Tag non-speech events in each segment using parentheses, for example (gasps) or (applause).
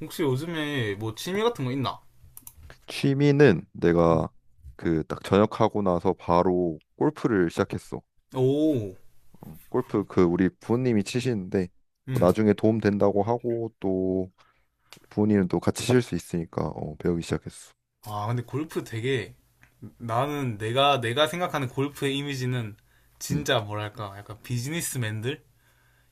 혹시 요즘에 뭐 취미 같은 거 있나? 취미는 내가 그 딱 전역하고 나서 바로 골프를 시작했어. 오, 골프 그 우리 부모님이 치시는데 뭐 음. 나중에 도움 된다고 하고 또 부모님은 또 같이 칠 수 있으니까 배우기 시작했어. 아, 근데 골프 되게, 나는 내가 생각하는 골프의 이미지는 음, 진짜 뭐랄까 약간 비즈니스맨들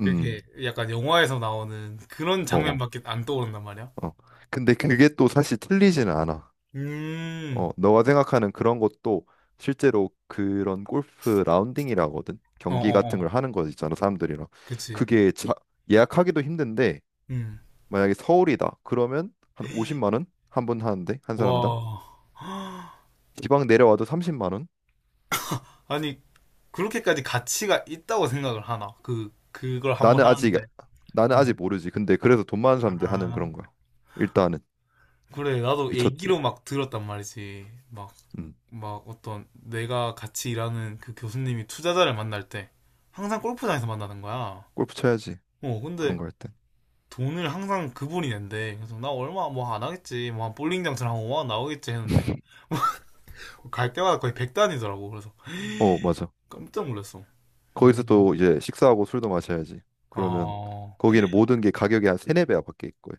음, 이렇게 약간 영화에서 나오는 그런 어, 어. 장면밖에 안 떠오른단 말이야. 어. 근데 그게 또 사실 틀리지는 않아. 음, 너가 생각하는 그런 것도 실제로 그런 골프 라운딩이라거든. 어, 경기 어, 같은 걸 어, 하는 거 있잖아, 사람들이랑. 그치. 그게 예약하기도 힘든데 음, 만약에 서울이다. 그러면 한 50만 원 한 분 하는데 한 사람당. 와, (gasps) 지방 내려와도 30만 원. 아니 그렇게까지 가치가 있다고 생각을 하나? 그 그걸 한번 나는 아직 하는데. 나는 아직 음. 모르지. 근데 그래서 돈 많은 사람들 하는 아, 그런 거야. 일단은 그래 나도 미쳤지. 얘기로 막 들었단 말이지. 막 음. 막 어떤 내가 같이 일하는 그 교수님이 투자자를 만날 때 항상 골프장에서 만나는 거야. 골프 쳐야지. 어, 근데 그런 거 할 때. 돈을 항상 그분이 낸대. 그래서 나 얼마 뭐 안 하겠지. 뭐 한 볼링 장처럼 한만원 나오겠지 했는데 (laughs) 갈 때마다 거의 백단이더라고. 그래서 어, 맞아. 깜짝 놀랐어. 거기서 음. 또 이제 식사하고 술도 마셔야지. 그러면 아, 거기는 모든 게 가격이 한 세네 배야 밖에 있고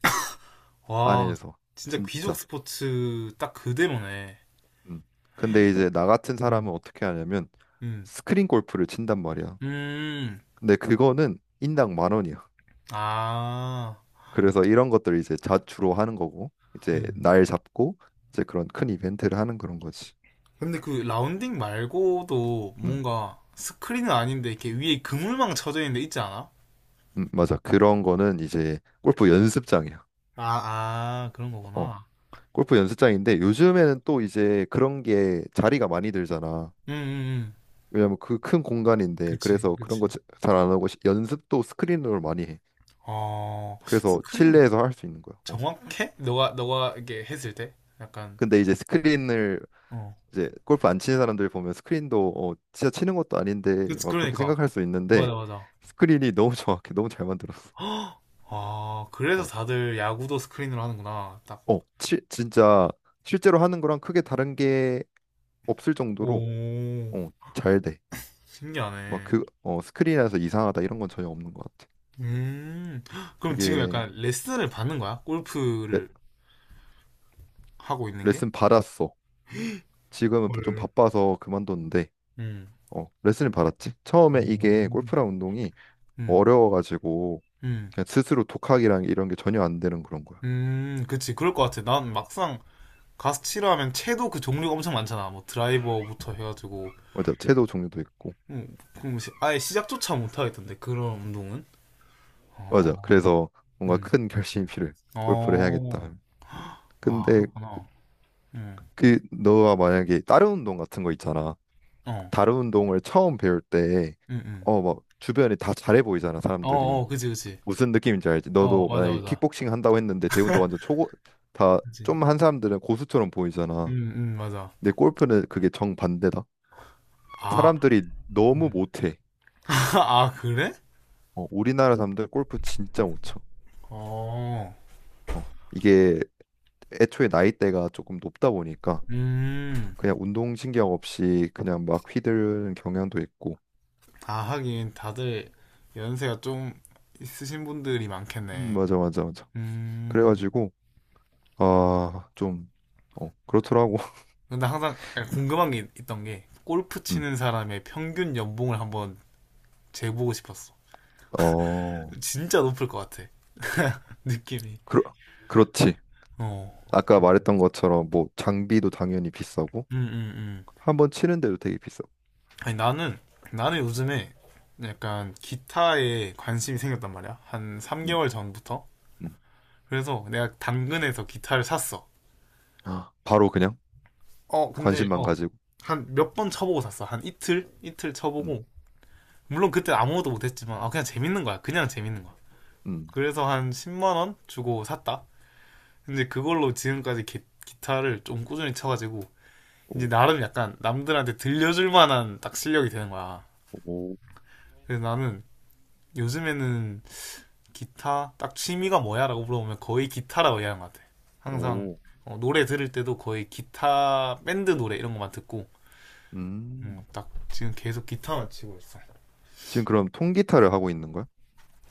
와, 안에서 진짜 귀족 진짜. 스포츠 딱 그대로네. 음. 근데 이제 나 같은 음, 사람은 어떻게 하냐면 음, 스크린 골프를 친단 말이야. 음, 근데 그거는 인당 만 원이야. 아, 그래서 이런 것들 이제 자주로 하는 거고 이제 음. 날 잡고 이제 그런 큰 이벤트를 하는 그런 거지. 근데 그 라운딩 말고도 음, 뭔가 스크린은 아닌데 이렇게 위에 그물망 쳐져 있는 데 있지 않아? 맞아. 그런 거는 이제 골프 연습장이야. 아, 아, 그런 어, 거구나. 골프 연습장인데 요즘에는 또 이제 그런 게 자리가 많이 들잖아. 응, 응, 응. 왜냐면 그 큰 공간인데 그치, 그래서 그런 거 그치. 잘 안 하고 연습도 스크린으로 많이 해. 어, 그래서 스크린 실내에서 할 수 있는 거야. 어. 정확해? 너가, 너가 이렇게 했을 때? 약간, 근데 이제 스크린을 어. 이제 골프 안 치는 사람들 보면 스크린도 진짜 치는 것도 아닌데 그치, 막 그렇게 그러니까. 생각할 수 있는데 맞아, 맞아. 스크린이 (laughs) 너무 정확해, 너무 잘 만들었어. 헉! 아, 그래서 어, 다들 야구도 스크린으로 하는구나. 딱. 어, 진짜 실제로 하는 거랑 크게 다른 게 없을 정도로 오, 잘 돼. 막 신기하네. 그 스크린에서 이상하다 이런 건 전혀 없는 것 같아. 음, 그럼 지금 그게 약간 레슨을 받는 거야? 레, 골프를 하고 있는 게? 레슨 받았어. 지금은 좀 헐. 바빠서 그만뒀는데 음, 레슨을 받았지. 처음에 이게 음. 골프랑 운동이 음, 어려워가지고 음, 그냥 스스로 독학이랑 이런 게 전혀 안 되는 그런 거야. 그치. 그럴 것 같아. 난 막상 가스치라 하면 채도 그 종류가 엄청 많잖아. 뭐 드라이버부터 해가지고. 맞아. 채도 종류도 있고. 그럼 아예 시작조차 못하겠던데, 그런 운동은. 맞아. 어, 그래서 뭔가 음, 큰 결심이 필요해. 골프를 해야겠다. 어, 하면. 아, 근데 그렇구나. 음, 그 너가 만약에 다른 운동 같은 거 있잖아. 어, 다른 운동을 처음 배울 때 음, 음. 막 주변에 다 잘해 보이잖아, 어, 사람들이. 어, 그치, 그치. 무슨 느낌인지 알지? 어, 너도 맞아, 만약에 맞아. 킥복싱 한다고 했는데 대운도 완전 초보 다 그치. 좀 한 사람들은 고수처럼 보이잖아. 맞아. 근데 골프는 그게 정반대다. 아, 사람들이 너무 음. 못해. (laughs) 아, 그래? 우리나라 사람들 골프 진짜 못 쳐. 어, 어, 이게 애초에 나이대가 조금 높다 보니까 음. 그냥 운동신경 없이 그냥 막 휘두르는 경향도 있고 아, 하긴 다들 연세가 좀 있으신 분들이 많겠네. 맞아 맞아 맞아 음. 그래가지고 아좀 그렇더라고 근데 항상 (laughs) 궁금한 게 있던 게, 골프 음, 치는 사람의 평균 연봉을 한번 재보고 싶었어. 어, 진짜 높을 것 같아. (laughs) 느낌이. 그렇, 그렇지. 어. 아까 말했던 것처럼 뭐 장비도 당연히 비싸고 음, 음, 음. 한번 치는데도 되게 비싸. 아니, 나는, 나는 요즘에 약간 기타에 관심이 생겼단 말이야. 한 음, 3개월 전부터. 음. 그래서 내가 당근에서 기타를 샀어. 아, 바로 그냥 어, 근데, 관심만 어. 가지고. 한 몇 번 쳐보고 샀어. 한 이틀? 이틀 음, 쳐보고. 물론 그때 아무것도 못했지만 아, 그냥 재밌는 거야. 그냥 재밌는 거야. 음. 그래서 한 10만 원 주고 샀다. 근데 그걸로 지금까지 기타를 좀 꾸준히 쳐가지고 이제 오, 나름 약간 남들한테 들려줄 만한 딱 실력이 되는 거야. 오, 그래서 나는 요즘에는 기타, 딱, 취미가 뭐야라고 물어보면 거의 기타라고 얘기하는 것 같아. 항상 오. 어, 노래 들을 때도 거의 기타 밴드 노래 이런 것만 듣고, 음. 딱 지금 계속 기타만 치고 있어. 지금 그럼 통기타를 하고 있는 거야?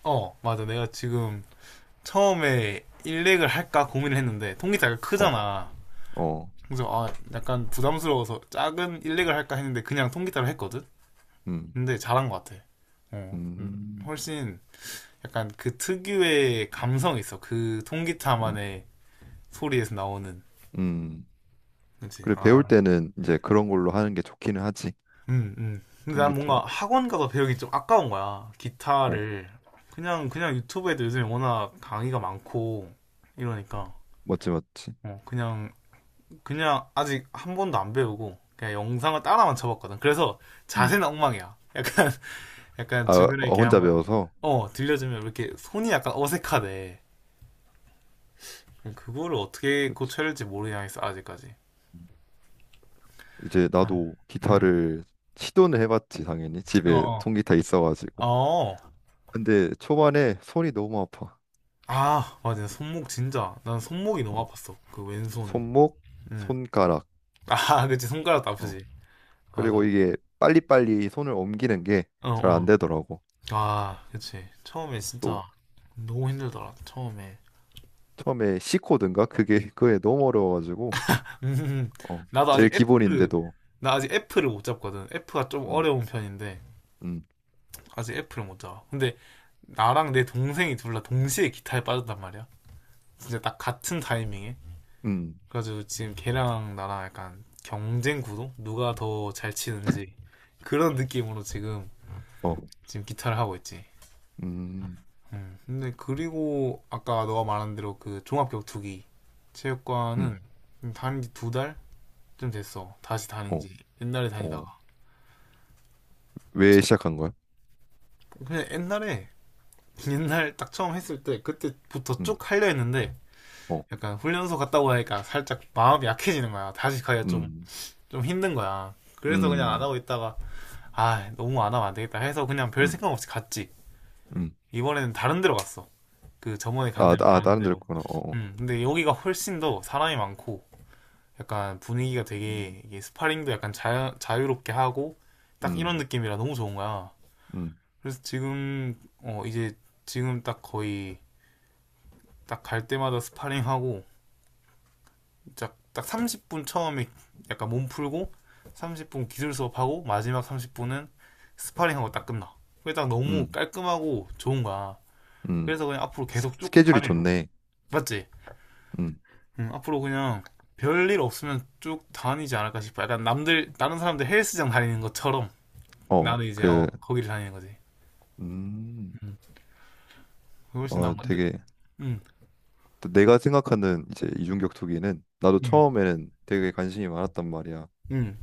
어 맞아, 내가 지금 처음에 일렉을 할까 고민을 했는데 통기타가 어, 크잖아. 어. 그래서 아 약간 부담스러워서 작은 일렉을 할까 했는데 그냥 통기타로 했거든. 음. 근데 잘한 것 같아. 어, 음, 훨씬 약간 그 특유의 감성이 있어. 그 음, 통기타만의 소리에서 나오는. 음. 그렇지. 그래, 배울 아, 때는 이제 그런 걸로 하는 게 좋기는 하지. 근데 난 뭔가 통기타로. 학원 가서 배우기 좀 아까운 거야. 어, 기타를 그냥. 그냥 유튜브에도 요즘에 워낙 강의가 많고 이러니까, 멋지 멋지 어, 그냥, 그냥 아직 한 번도 안 배우고 그냥 영상을 따라만 쳐봤거든. 그래서 음, 자세는 엉망이야. 약간 (laughs) 약간 아, 주변에 이렇게 혼자 한번 배워서. 어 들려주면 이렇게 손이 약간 어색하대. 그거를 어떻게 그렇지. 고쳐야 할지 모르겠어 아직까지. 음. 이제 아, 나도 음. 기타를 시도는 해봤지, 당연히. 어, 집에 어. 통기타 있어가지고. 어. 근데 초반에 손이 너무 아파. 아, 맞아. 손목 진짜. 난 손목이 너무 어, 아팠어. 그 왼손. 손목, 음. 손가락. 아, (laughs) 그치. 손가락도 어, 아프지. 그리고 맞아. 이게 빨리빨리 손을 옮기는 게 어, 잘 안 어. 되더라고. 아, 그치. 처음에 또 진짜 너무 힘들더라. 처음에. 처음에 C 코드인가? 그게 너무 어려워가지고. (laughs) 음, 나도 제일 아직 F, 기본인데도. 나 아직 F를 못 잡거든. F가 좀 음, 어려운 편인데, 음, 아직 F를 못 잡아. 근데 나랑 내 동생이 둘다 동시에 기타에 빠졌단 말이야. 진짜 딱 같은 타이밍에. 음, 그래가지고 지금 걔랑 나랑 약간 경쟁 구도? 누가 더 잘 치는지. 그런 느낌으로 지금, 어, 지금 기타를 하고 있지. 음, 근데 그리고 아까 너가 말한 대로 그 종합격투기 음, 체육관은 다닌 지 두 달쯤 됐어. 다시 다닌 어, 지. 옛날에 어. 다니다가. 왜 시작한 거야? 그냥 옛날에, 옛날 딱 처음 했을 때, 그때부터 음, 쭉 하려 했는데 어, 약간 훈련소 갔다 오니까 살짝 마음이 약해지는 거야. 다시 가기가 좀, 음, 좀 힘든 거야. 그래서 그냥 안 음, 하고 있다가 아 너무 안 하면 안 되겠다 해서 그냥 별 음, 생각 없이 갔지. 음. 이번에는 다른 데로 갔어. 그 저번에 간 아, 데는 아, 다른 다른 데를 데로. 구나 어, 어. 근데 여기가 훨씬 더 사람이 많고 약간 분위기가 음, 되게 이게 스파링도 약간 자유롭게 하고 딱 이런 음, 느낌이라 너무 좋은 거야. 음, 그래서 지금 어 이제 지금 딱 거의 딱 갈 때마다 스파링하고 딱 30분 처음에 약간 몸 풀고 30분 기술 수업하고 마지막 30분은 스파링하고 딱 끝나. 그게 딱 너무 음, 깔끔하고 좋은 거야. 음. 그래서 그냥 앞으로 계속 쭉 스케줄이 다니려고. 좋네. 맞지? 음, 응, 앞으로 그냥 별일 없으면 쭉 다니지 않을까 싶어. 약간 남들, 다른 사람들 헬스장 다니는 것처럼 어, 나는 이제, 그, 어, 거기를 다니는 거지. 음, 응, 그게 훨씬 나은 건데. 되게 응, 또 내가 생각하는 이제 이중격투기는 나도 응, 처음에는 되게 관심이 많았단 말이야. 응.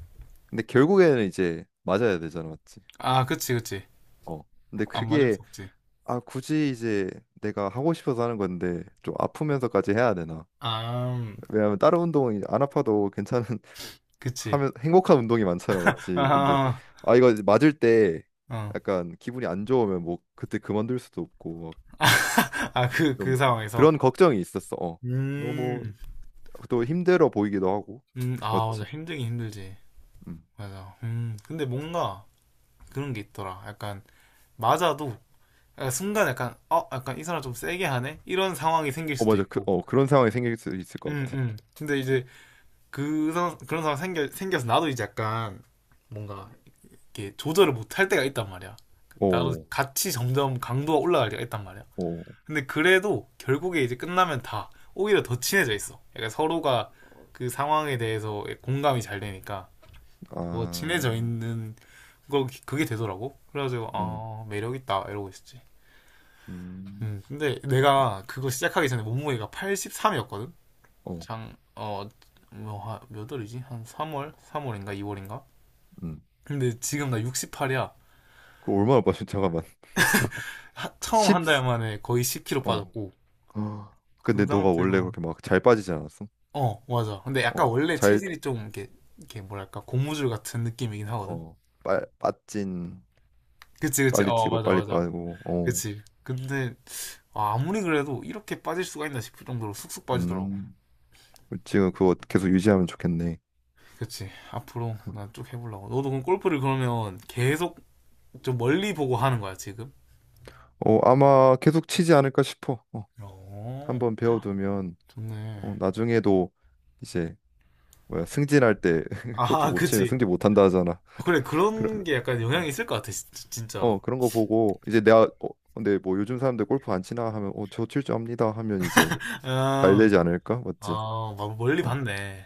근데 결국에는 이제 맞아야 되잖아, 맞지? 아, 그치, 그치. 어. 근데 안 맞을 그게 수 없지. 아, 굳이 이제 내가 하고 싶어서 하는 건데 좀 아프면서까지 해야 되나? 아, 왜냐면 다른 운동은 안 아파도 괜찮은 (laughs) 그치. 하면 행복한 운동이 많잖아, 맞지? 근데 아하. 아 이거 이제 맞을 때 어. 약간 기분이 안 좋으면 뭐 그때 그만둘 수도 없고 아, 그, 그 막좀 그, 상황에서. 그런 걱정이 있었어. 어. 너무 음, 또 힘들어 보이기도 하고, 아, 맞아. 맞지? 힘들긴 힘들지. 음. 맞아. 근데 뭔가 그런 게 있더라. 약간, 맞아도, 약간 순간 약간, 어, 약간 이 사람 좀 세게 하네? 이런 상황이 생길 어 수도 맞아, 있고. 그런 상황이 생길 수 있을 것 같아. 근데 이제 그, 그런 상황 생겨서 나도 이제 약간 뭔가 이렇게 조절을 못할 때가 있단 말이야. 나도 어, 같이 점점 강도가 올라갈 때가 있단 말이야. 어, 근데 그래도 결국에 이제 끝나면 다 오히려 더 친해져 있어. 약간 서로가 그 상황에 대해서 공감이 잘 되니까 더 친해져 아, 있는 거, 그게 되더라고. 그래가지고 음, 아 매력 있다 이러고 있었지. 음, 근데 내가 그거 시작하기 전에 몸무게가 83이었거든. 어, 장, 어, 뭐, 몇 월이지? 한 3월? 3월인가? 2월인가? 음. 근데 지금 나 68이야. 그 얼마나 빠진 잠깐만. (laughs) 처음 10 한 달 만에 거의 10kg 어. 빠졌고, (gasps) 그 근데 너가 원래 상태로, 그렇게 막 잘 빠지지 않았어? 어, 맞아. 근데 약간 어. 원래 체질이 좀 이렇게, 이렇게 뭐랄까, 고무줄 같은 느낌이긴 하거든. 어. 빠진. 그치, 그치. 빨리 어, 찌고, 맞아, 빨리 맞아. 빠지고, 어. 그치. 근데, 아, 아무리 그래도 이렇게 빠질 수가 있나 싶을 정도로 쑥쑥 빠지더라고. 음. 지금 그거 계속 유지하면 좋겠네. 그치. 앞으로 난 쭉 해보려고. 너도 그럼 골프를 그러면 계속 좀 멀리 보고 하는 거야, 지금? 어, 아마 계속 치지 않을까 싶어. 어. 어, 한번 배워두면, 좋네. 나중에도 이제, 뭐야, 승진할 때 (laughs) 골프 아, (laughs) 못 치면 그치. 승진 못 한다 하잖아. 그래, (laughs) 그런 그런, 게 약간 어, 영향이 있을 것 같아, 진짜로. 그런 거 보고, 이제 내가, 근데 뭐 요즘 사람들 골프 안 치나 하면, 저 칠 줄 압니다 하면 이제 잘 음, 되지 않을까? 맞지? 아, 막 멀리 어. 봤네.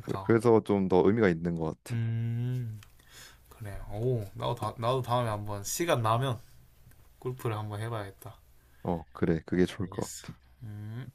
그, 래서 좀 더 의미가 있는 것 같아. 음. 그래. 오, 나도 다, 나도 다음에 한번 시간 나면 골프를 한번 해봐야겠다. 그래. 그게 좋을 것 알겠어. 같아. 음.